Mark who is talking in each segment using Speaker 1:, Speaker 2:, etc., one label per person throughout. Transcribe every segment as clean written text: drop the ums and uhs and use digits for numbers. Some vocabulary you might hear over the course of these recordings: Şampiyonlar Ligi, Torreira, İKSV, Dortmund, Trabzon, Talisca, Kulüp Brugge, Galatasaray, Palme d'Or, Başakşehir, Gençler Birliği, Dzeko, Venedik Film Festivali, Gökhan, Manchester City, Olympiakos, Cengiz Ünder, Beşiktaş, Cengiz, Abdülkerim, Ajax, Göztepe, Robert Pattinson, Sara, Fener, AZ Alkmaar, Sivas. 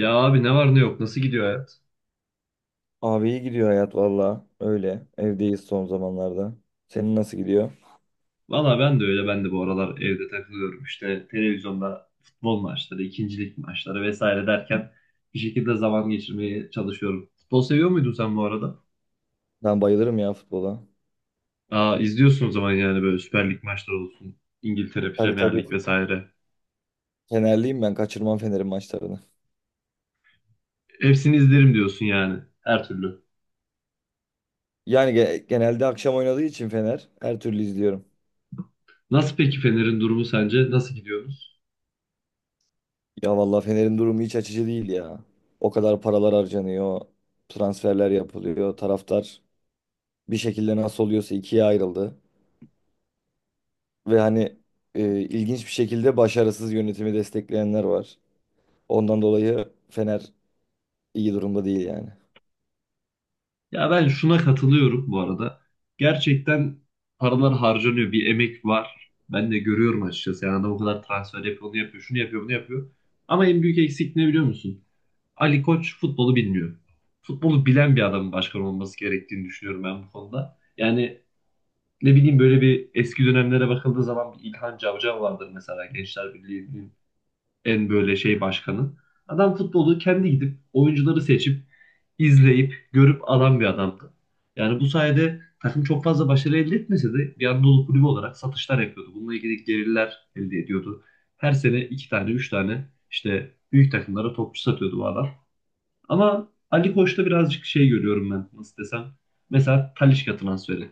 Speaker 1: Ya abi ne var ne yok nasıl gidiyor hayat?
Speaker 2: Abi iyi gidiyor hayat valla. Öyle. Evdeyiz son zamanlarda. Senin nasıl gidiyor?
Speaker 1: Valla ben de öyle ben de bu aralar evde takılıyorum işte televizyonda futbol maçları, ikincilik maçları vesaire derken bir şekilde zaman geçirmeye çalışıyorum. Futbol seviyor muydun sen bu arada?
Speaker 2: Ben bayılırım ya futbola.
Speaker 1: Aa izliyorsun o zaman yani böyle Süper Lig maçları olsun, İngiltere
Speaker 2: Tabii
Speaker 1: Premier
Speaker 2: tabii.
Speaker 1: Lig vesaire.
Speaker 2: Fenerliyim ben. Kaçırmam Fener'in maçlarını.
Speaker 1: Hepsini izlerim diyorsun yani her türlü.
Speaker 2: Yani genelde akşam oynadığı için Fener her türlü izliyorum.
Speaker 1: Nasıl peki Fener'in durumu sence? Nasıl gidiyoruz?
Speaker 2: Ya valla Fener'in durumu hiç açıcı değil ya. O kadar paralar harcanıyor. Transferler yapılıyor. Taraftar bir şekilde nasıl oluyorsa ikiye ayrıldı. Ve hani ilginç bir şekilde başarısız yönetimi destekleyenler var. Ondan dolayı Fener iyi durumda değil yani.
Speaker 1: Ya ben şuna katılıyorum bu arada. Gerçekten paralar harcanıyor. Bir emek var. Ben de görüyorum açıkçası. Yani adam o kadar transfer yapıyor, onu yapıyor, şunu yapıyor, bunu yapıyor. Ama en büyük eksik ne biliyor musun? Ali Koç futbolu bilmiyor. Futbolu bilen bir adamın başkan olması gerektiğini düşünüyorum ben bu konuda. Yani ne bileyim böyle bir eski dönemlere bakıldığı zaman bir İlhan Cavcav vardır mesela Gençler Birliği en böyle şey başkanı. Adam futbolu kendi gidip oyuncuları seçip izleyip görüp alan bir adamdı. Yani bu sayede takım çok fazla başarı elde etmese de bir Anadolu kulübü olarak satışlar yapıyordu. Bununla ilgili gelirler elde ediyordu. Her sene iki tane, üç tane işte büyük takımlara topçu satıyordu bu adam. Ama Ali Koç'ta birazcık şey görüyorum ben nasıl desem. Mesela Talisca transferi.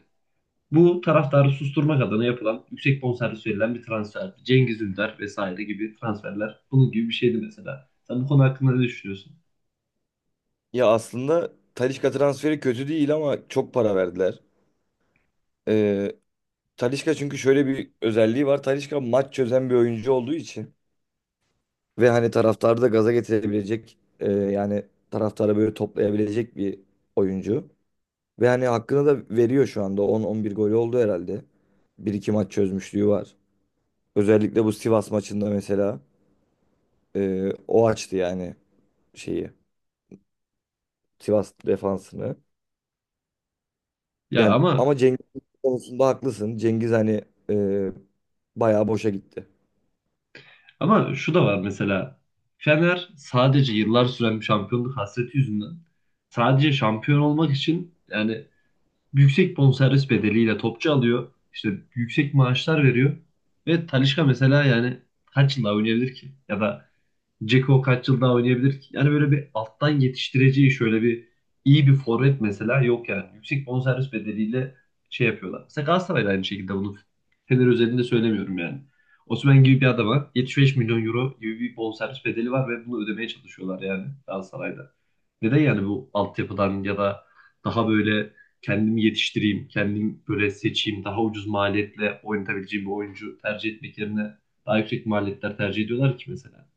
Speaker 1: Bu taraftarı susturmak adına yapılan yüksek bonservis verilen bir transferdi. Cengiz Ünder vesaire gibi transferler bunun gibi bir şeydi mesela. Sen bu konu hakkında ne düşünüyorsun?
Speaker 2: Ya aslında Talisca transferi kötü değil ama çok para verdiler. Ee, Talisca çünkü şöyle bir özelliği var. Talisca maç çözen bir oyuncu olduğu için ve hani taraftarı da gaza getirebilecek yani taraftarı böyle toplayabilecek bir oyuncu. Ve hani hakkını da veriyor şu anda. 10-11 golü oldu herhalde. Bir iki maç çözmüşlüğü var. Özellikle bu Sivas maçında mesela o açtı yani şeyi. Sivas defansını.
Speaker 1: Ya
Speaker 2: Yani
Speaker 1: ama
Speaker 2: ama Cengiz konusunda haklısın. Cengiz hani e, bayağı boşa gitti.
Speaker 1: ama şu da var mesela. Fener sadece yıllar süren bir şampiyonluk hasreti yüzünden sadece şampiyon olmak için yani yüksek bonservis bedeliyle topçu alıyor. İşte yüksek maaşlar veriyor. Ve Talisca mesela yani kaç yılda oynayabilir ki? Ya da Dzeko kaç yıl daha oynayabilir ki? Yani böyle bir alttan yetiştireceği şöyle bir iyi bir forvet mesela yok yani. Yüksek bonservis bedeliyle şey yapıyorlar. Mesela Galatasaray aynı şekilde bunu Fener özelinde söylemiyorum yani. Osimhen gibi bir adama 75 milyon euro gibi bir bonservis bedeli var ve bunu ödemeye çalışıyorlar yani Galatasaray'da. Neden yani bu altyapıdan ya da daha böyle kendimi yetiştireyim, kendim böyle seçeyim, daha ucuz maliyetle oynatabileceğim bir oyuncu tercih etmek yerine daha yüksek maliyetler tercih ediyorlar ki mesela.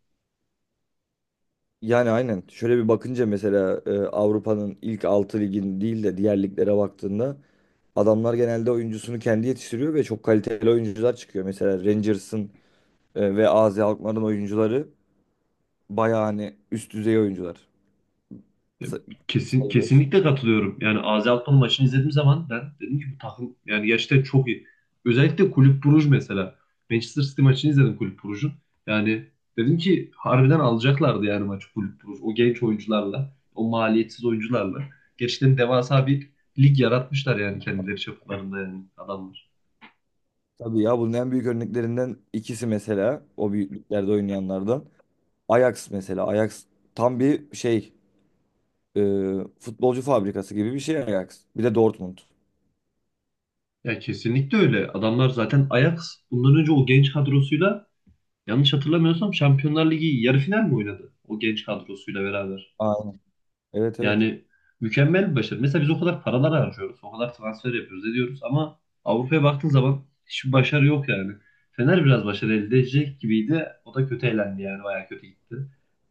Speaker 2: Yani aynen. Şöyle bir bakınca mesela Avrupa'nın ilk 6 ligin değil de diğer liglere baktığında adamlar genelde oyuncusunu kendi yetiştiriyor ve çok kaliteli oyuncular çıkıyor. Mesela Rangers'ın ve AZ Alkmaar'ın oyuncuları bayağı hani üst düzey oyuncular sa-
Speaker 1: Kesin,
Speaker 2: sayılır.
Speaker 1: kesinlikle katılıyorum. Yani AZ Alkmaar maçını izlediğim zaman ben dedim ki bu takım yani gerçekten çok iyi. Özellikle Kulüp Bruj mesela. Manchester City maçını izledim Kulüp Brugge'un. Yani dedim ki harbiden alacaklardı yani maçı Kulüp Bruj. O genç oyuncularla, o maliyetsiz oyuncularla. Gerçekten devasa bir lig yaratmışlar yani kendileri çaplarında yani adamlar.
Speaker 2: Tabii ya bunun en büyük örneklerinden ikisi mesela o büyüklüklerde oynayanlardan. Ajax mesela. Ajax tam bir şey e, futbolcu fabrikası gibi bir şey Ajax. Bir de Dortmund.
Speaker 1: Ya kesinlikle öyle. Adamlar zaten Ajax bundan önce o genç kadrosuyla yanlış hatırlamıyorsam Şampiyonlar Ligi yarı final mi oynadı? O genç kadrosuyla beraber.
Speaker 2: Aynen. Evet evet.
Speaker 1: Yani mükemmel bir başarı. Mesela biz o kadar paralar harcıyoruz, o kadar transfer yapıyoruz, ediyoruz ama Avrupa'ya baktığın zaman hiçbir başarı yok yani. Fener biraz başarı elde edecek gibiydi. O da kötü elendi yani, bayağı kötü gitti.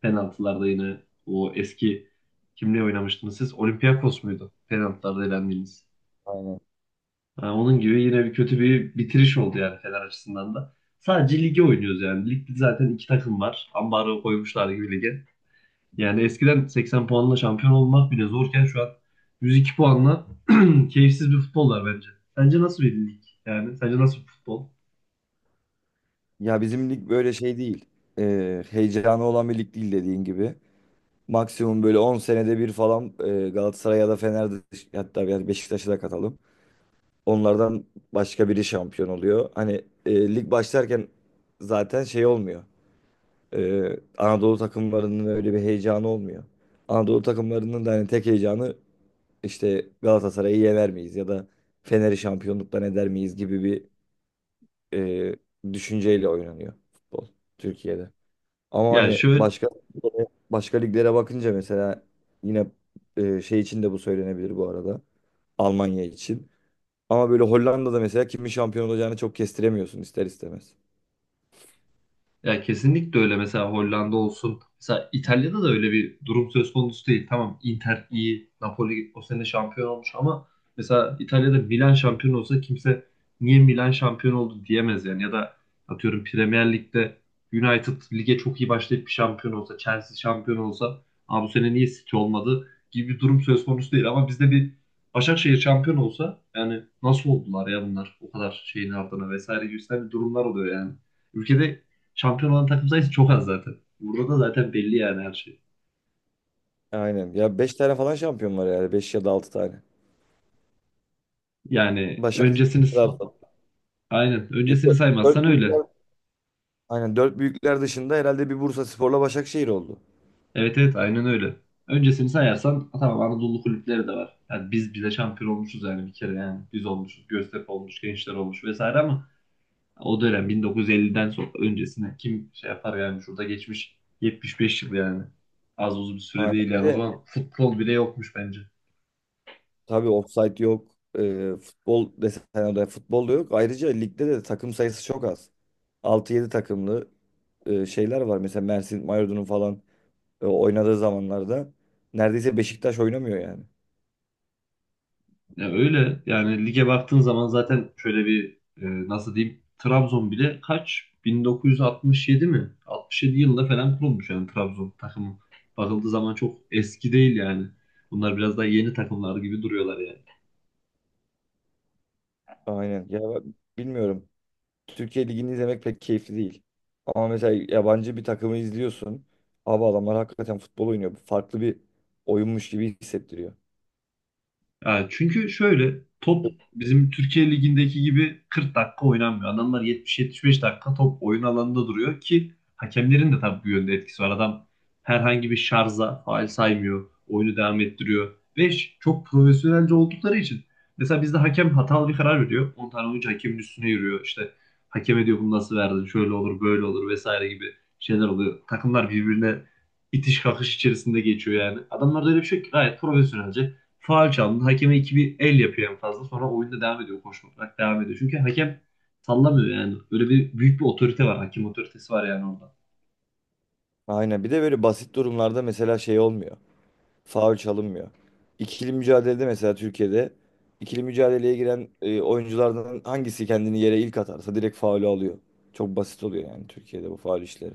Speaker 1: Penaltılarda yine o eski kimle oynamıştınız siz? Olympiakos muydu? Penaltılarda elendiğiniz.
Speaker 2: Aynen.
Speaker 1: Ha, onun gibi yine bir kötü bir bitiriş oldu yani Fener açısından da. Sadece lige oynuyoruz yani. Ligde zaten iki takım var. Ambargo koymuşlar gibi lige. Yani eskiden 80 puanla şampiyon olmak bile zorken şu an 102 puanla keyifsiz bir futbol var bence. Sence nasıl bir lig? Yani sence nasıl bir futbol?
Speaker 2: Ya bizim lig böyle şey değil. Heyecanı olan bir lig değil dediğin gibi. Maksimum böyle 10 senede bir falan Galatasaray ya da Fener'de hatta yani Beşiktaş'ı da katalım. Onlardan başka biri şampiyon oluyor. Hani lig başlarken zaten şey olmuyor. Anadolu takımlarının öyle bir heyecanı olmuyor. Anadolu takımlarının da hani tek heyecanı işte Galatasaray'ı yener miyiz ya da Fener'i şampiyonluktan eder miyiz gibi bir düşünceyle oynanıyor futbol Türkiye'de. Ama
Speaker 1: Yani
Speaker 2: hani
Speaker 1: şöyle
Speaker 2: başka başka liglere bakınca mesela yine şey için de bu söylenebilir bu arada. Almanya için. Ama böyle Hollanda'da mesela kimin şampiyon olacağını çok kestiremiyorsun ister istemez.
Speaker 1: ya kesinlikle öyle. Mesela Hollanda olsun. Mesela İtalya'da da öyle bir durum söz konusu değil. Tamam Inter iyi, Napoli o sene şampiyon olmuş ama mesela İtalya'da Milan şampiyon olsa kimse niye Milan şampiyon oldu diyemez yani. Ya da atıyorum Premier Lig'de United lige çok iyi başlayıp bir şampiyon olsa, Chelsea şampiyon olsa, Aa, bu sene niye City olmadı gibi bir durum söz konusu değil. Ama bizde bir Başakşehir şampiyon olsa yani nasıl oldular ya bunlar o kadar şeyin ardına vesaire gibi bir durumlar oluyor yani. Ülkede şampiyon olan takım sayısı çok az zaten. Burada da zaten belli yani her şey.
Speaker 2: Aynen. Ya beş tane falan şampiyon var yani. Beş ya da 6 tane.
Speaker 1: Yani
Speaker 2: Başakşehir,
Speaker 1: öncesini
Speaker 2: Trabzon.
Speaker 1: aynen öncesini saymazsan
Speaker 2: 4
Speaker 1: öyle.
Speaker 2: büyükler. Aynen 4 büyükler dışında herhalde bir Bursaspor'la Başakşehir oldu.
Speaker 1: Evet evet aynen öyle. Öncesini sayarsan tamam Anadolu kulüpleri de var. Yani biz bize şampiyon olmuşuz yani bir kere yani biz olmuşuz. Göztepe olmuş, Gençler olmuş vesaire ama o dönem 1950'den sonra öncesine kim şey yapar yani şurada geçmiş 75 yıl yani. Az uzun bir süre
Speaker 2: Aynen.
Speaker 1: değil
Speaker 2: Bir
Speaker 1: yani. O
Speaker 2: de
Speaker 1: zaman futbol bile yokmuş bence.
Speaker 2: tabii offside yok. Futbol desen oraya futbol da yok. Ayrıca ligde de takım sayısı çok az. Altı yedi takımlı şeyler var. Mesela Mersin, Mardin'in falan oynadığı zamanlarda neredeyse Beşiktaş oynamıyor yani.
Speaker 1: Ya öyle yani lige baktığın zaman zaten şöyle bir e, nasıl diyeyim Trabzon bile kaç 1967 mi? 67 yılında falan kurulmuş yani Trabzon takımı. Bakıldığı zaman çok eski değil yani. Bunlar biraz daha yeni takımlar gibi duruyorlar yani.
Speaker 2: Aynen. Ya bak, bilmiyorum. Türkiye Ligi'ni izlemek pek keyifli değil. Ama mesela yabancı bir takımı izliyorsun. Abi adamlar hakikaten futbol oynuyor. Farklı bir oyunmuş gibi hissettiriyor.
Speaker 1: Ya çünkü şöyle top bizim Türkiye Ligi'ndeki gibi 40 dakika oynanmıyor. Adamlar 70-75 dakika top oyun alanında duruyor ki hakemlerin de tabii bu yönde etkisi var. Adam herhangi bir şarza faul saymıyor. Oyunu devam ettiriyor. Ve çok profesyonelce oldukları için. Mesela bizde hakem hatalı bir karar veriyor. 10 tane oyuncu hakemin üstüne yürüyor. İşte hakeme diyor bunu nasıl verdin? Şöyle olur böyle olur vesaire gibi şeyler oluyor. Takımlar birbirine itiş kakış içerisinde geçiyor yani. Adamlarda öyle bir şey yok ki gayet profesyonelce. Faul çaldın. Hakeme iki bir el yapıyor en fazla. Sonra oyunda devam ediyor. Koşmak devam ediyor. Çünkü hakem sallamıyor yani. Böyle bir büyük bir otorite var. Hakem otoritesi var yani orada.
Speaker 2: Aynen. Bir de böyle basit durumlarda mesela şey olmuyor. Faul çalınmıyor. İkili mücadelede mesela Türkiye'de ikili mücadeleye giren oyunculardan hangisi kendini yere ilk atarsa direkt faulü alıyor. Çok basit oluyor yani Türkiye'de bu faul işleri.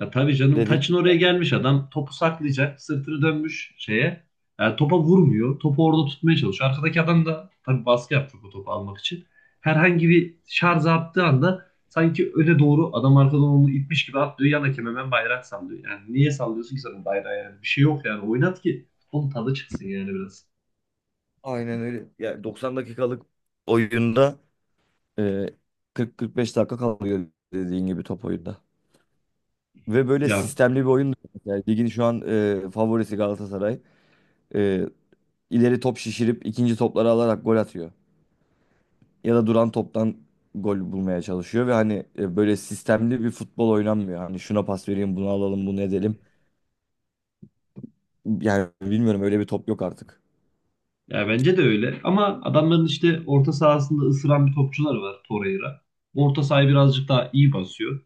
Speaker 1: Ya tabii canım
Speaker 2: Dediğim
Speaker 1: taçın
Speaker 2: gibi.
Speaker 1: oraya gelmiş adam. Topu saklayacak. Sırtını dönmüş şeye. Yani topa vurmuyor. Topu orada tutmaya çalışıyor. Arkadaki adam da tabii baskı yapacak o topu almak için. Herhangi bir şarj attığı anda sanki öne doğru adam arkadan onu itmiş gibi atlıyor. Yan hakem hemen bayrak sallıyor. Yani niye sallıyorsun ki sen bayrağı yani? Bir şey yok yani. Oynat ki. Onun tadı çıksın yani biraz.
Speaker 2: Aynen öyle. Yani 90 dakikalık oyunda Ee, 40-45 dakika kalıyor dediğin gibi top oyunda. Ve böyle
Speaker 1: Ya,
Speaker 2: sistemli bir oyun da yok. Yani ligin şu an favorisi Galatasaray. E, ileri top şişirip ikinci topları alarak gol atıyor. Ya da duran toptan gol bulmaya çalışıyor ve hani böyle sistemli bir futbol oynanmıyor. Hani şuna pas vereyim, bunu alalım, bunu edelim. Yani bilmiyorum öyle bir top yok artık.
Speaker 1: ya, bence de öyle. Ama adamların işte orta sahasında ısıran bir topçular var Torreira. Orta sahayı birazcık daha iyi basıyor.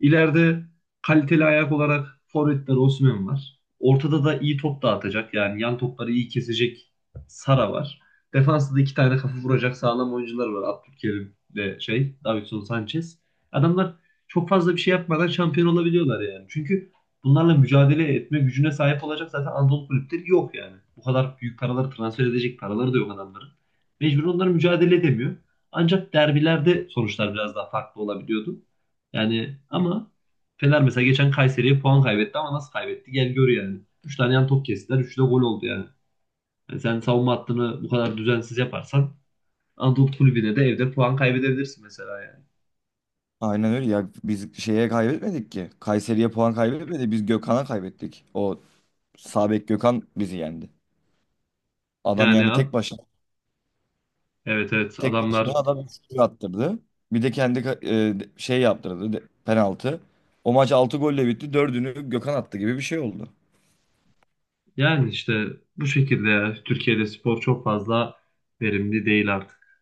Speaker 1: İleride kaliteli ayak olarak forvetler Osimhen var. Ortada da iyi top dağıtacak yani yan topları iyi kesecek Sara var. Defansta da iki tane kafa vuracak sağlam oyuncular var. Abdülkerim ve şey Davinson Sanchez. Adamlar çok fazla bir şey yapmadan şampiyon olabiliyorlar yani. Çünkü bunlarla mücadele etme gücüne sahip olacak zaten Anadolu kulüpleri yok yani. Bu kadar büyük paraları transfer edecek paraları da yok adamların. Mecbur onlar mücadele edemiyor. Ancak derbilerde sonuçlar biraz daha farklı olabiliyordu. Yani ama Fener mesela geçen Kayseri'ye puan kaybetti ama nasıl kaybetti? Gel gör yani. Üç tane yan top kestiler. 3'ü de gol oldu yani. Yani sen savunma hattını bu kadar düzensiz yaparsan Anadolu Kulübü'ne de evde puan kaybedebilirsin mesela yani.
Speaker 2: Aynen öyle ya biz şeye kaybetmedik ki. Kayseri'ye puan kaybetmedi. Biz Gökhan'a kaybettik. O sağ bek Gökhan bizi yendi. Adam
Speaker 1: Yani
Speaker 2: yani tek başına.
Speaker 1: evet evet
Speaker 2: Tek başına
Speaker 1: adamlar
Speaker 2: adam 3 attırdı. Bir de şey yaptırdı penaltı. O maç 6 golle bitti. Dördünü Gökhan attı gibi bir şey oldu.
Speaker 1: yani işte bu şekilde ya. Türkiye'de spor çok fazla verimli değil artık.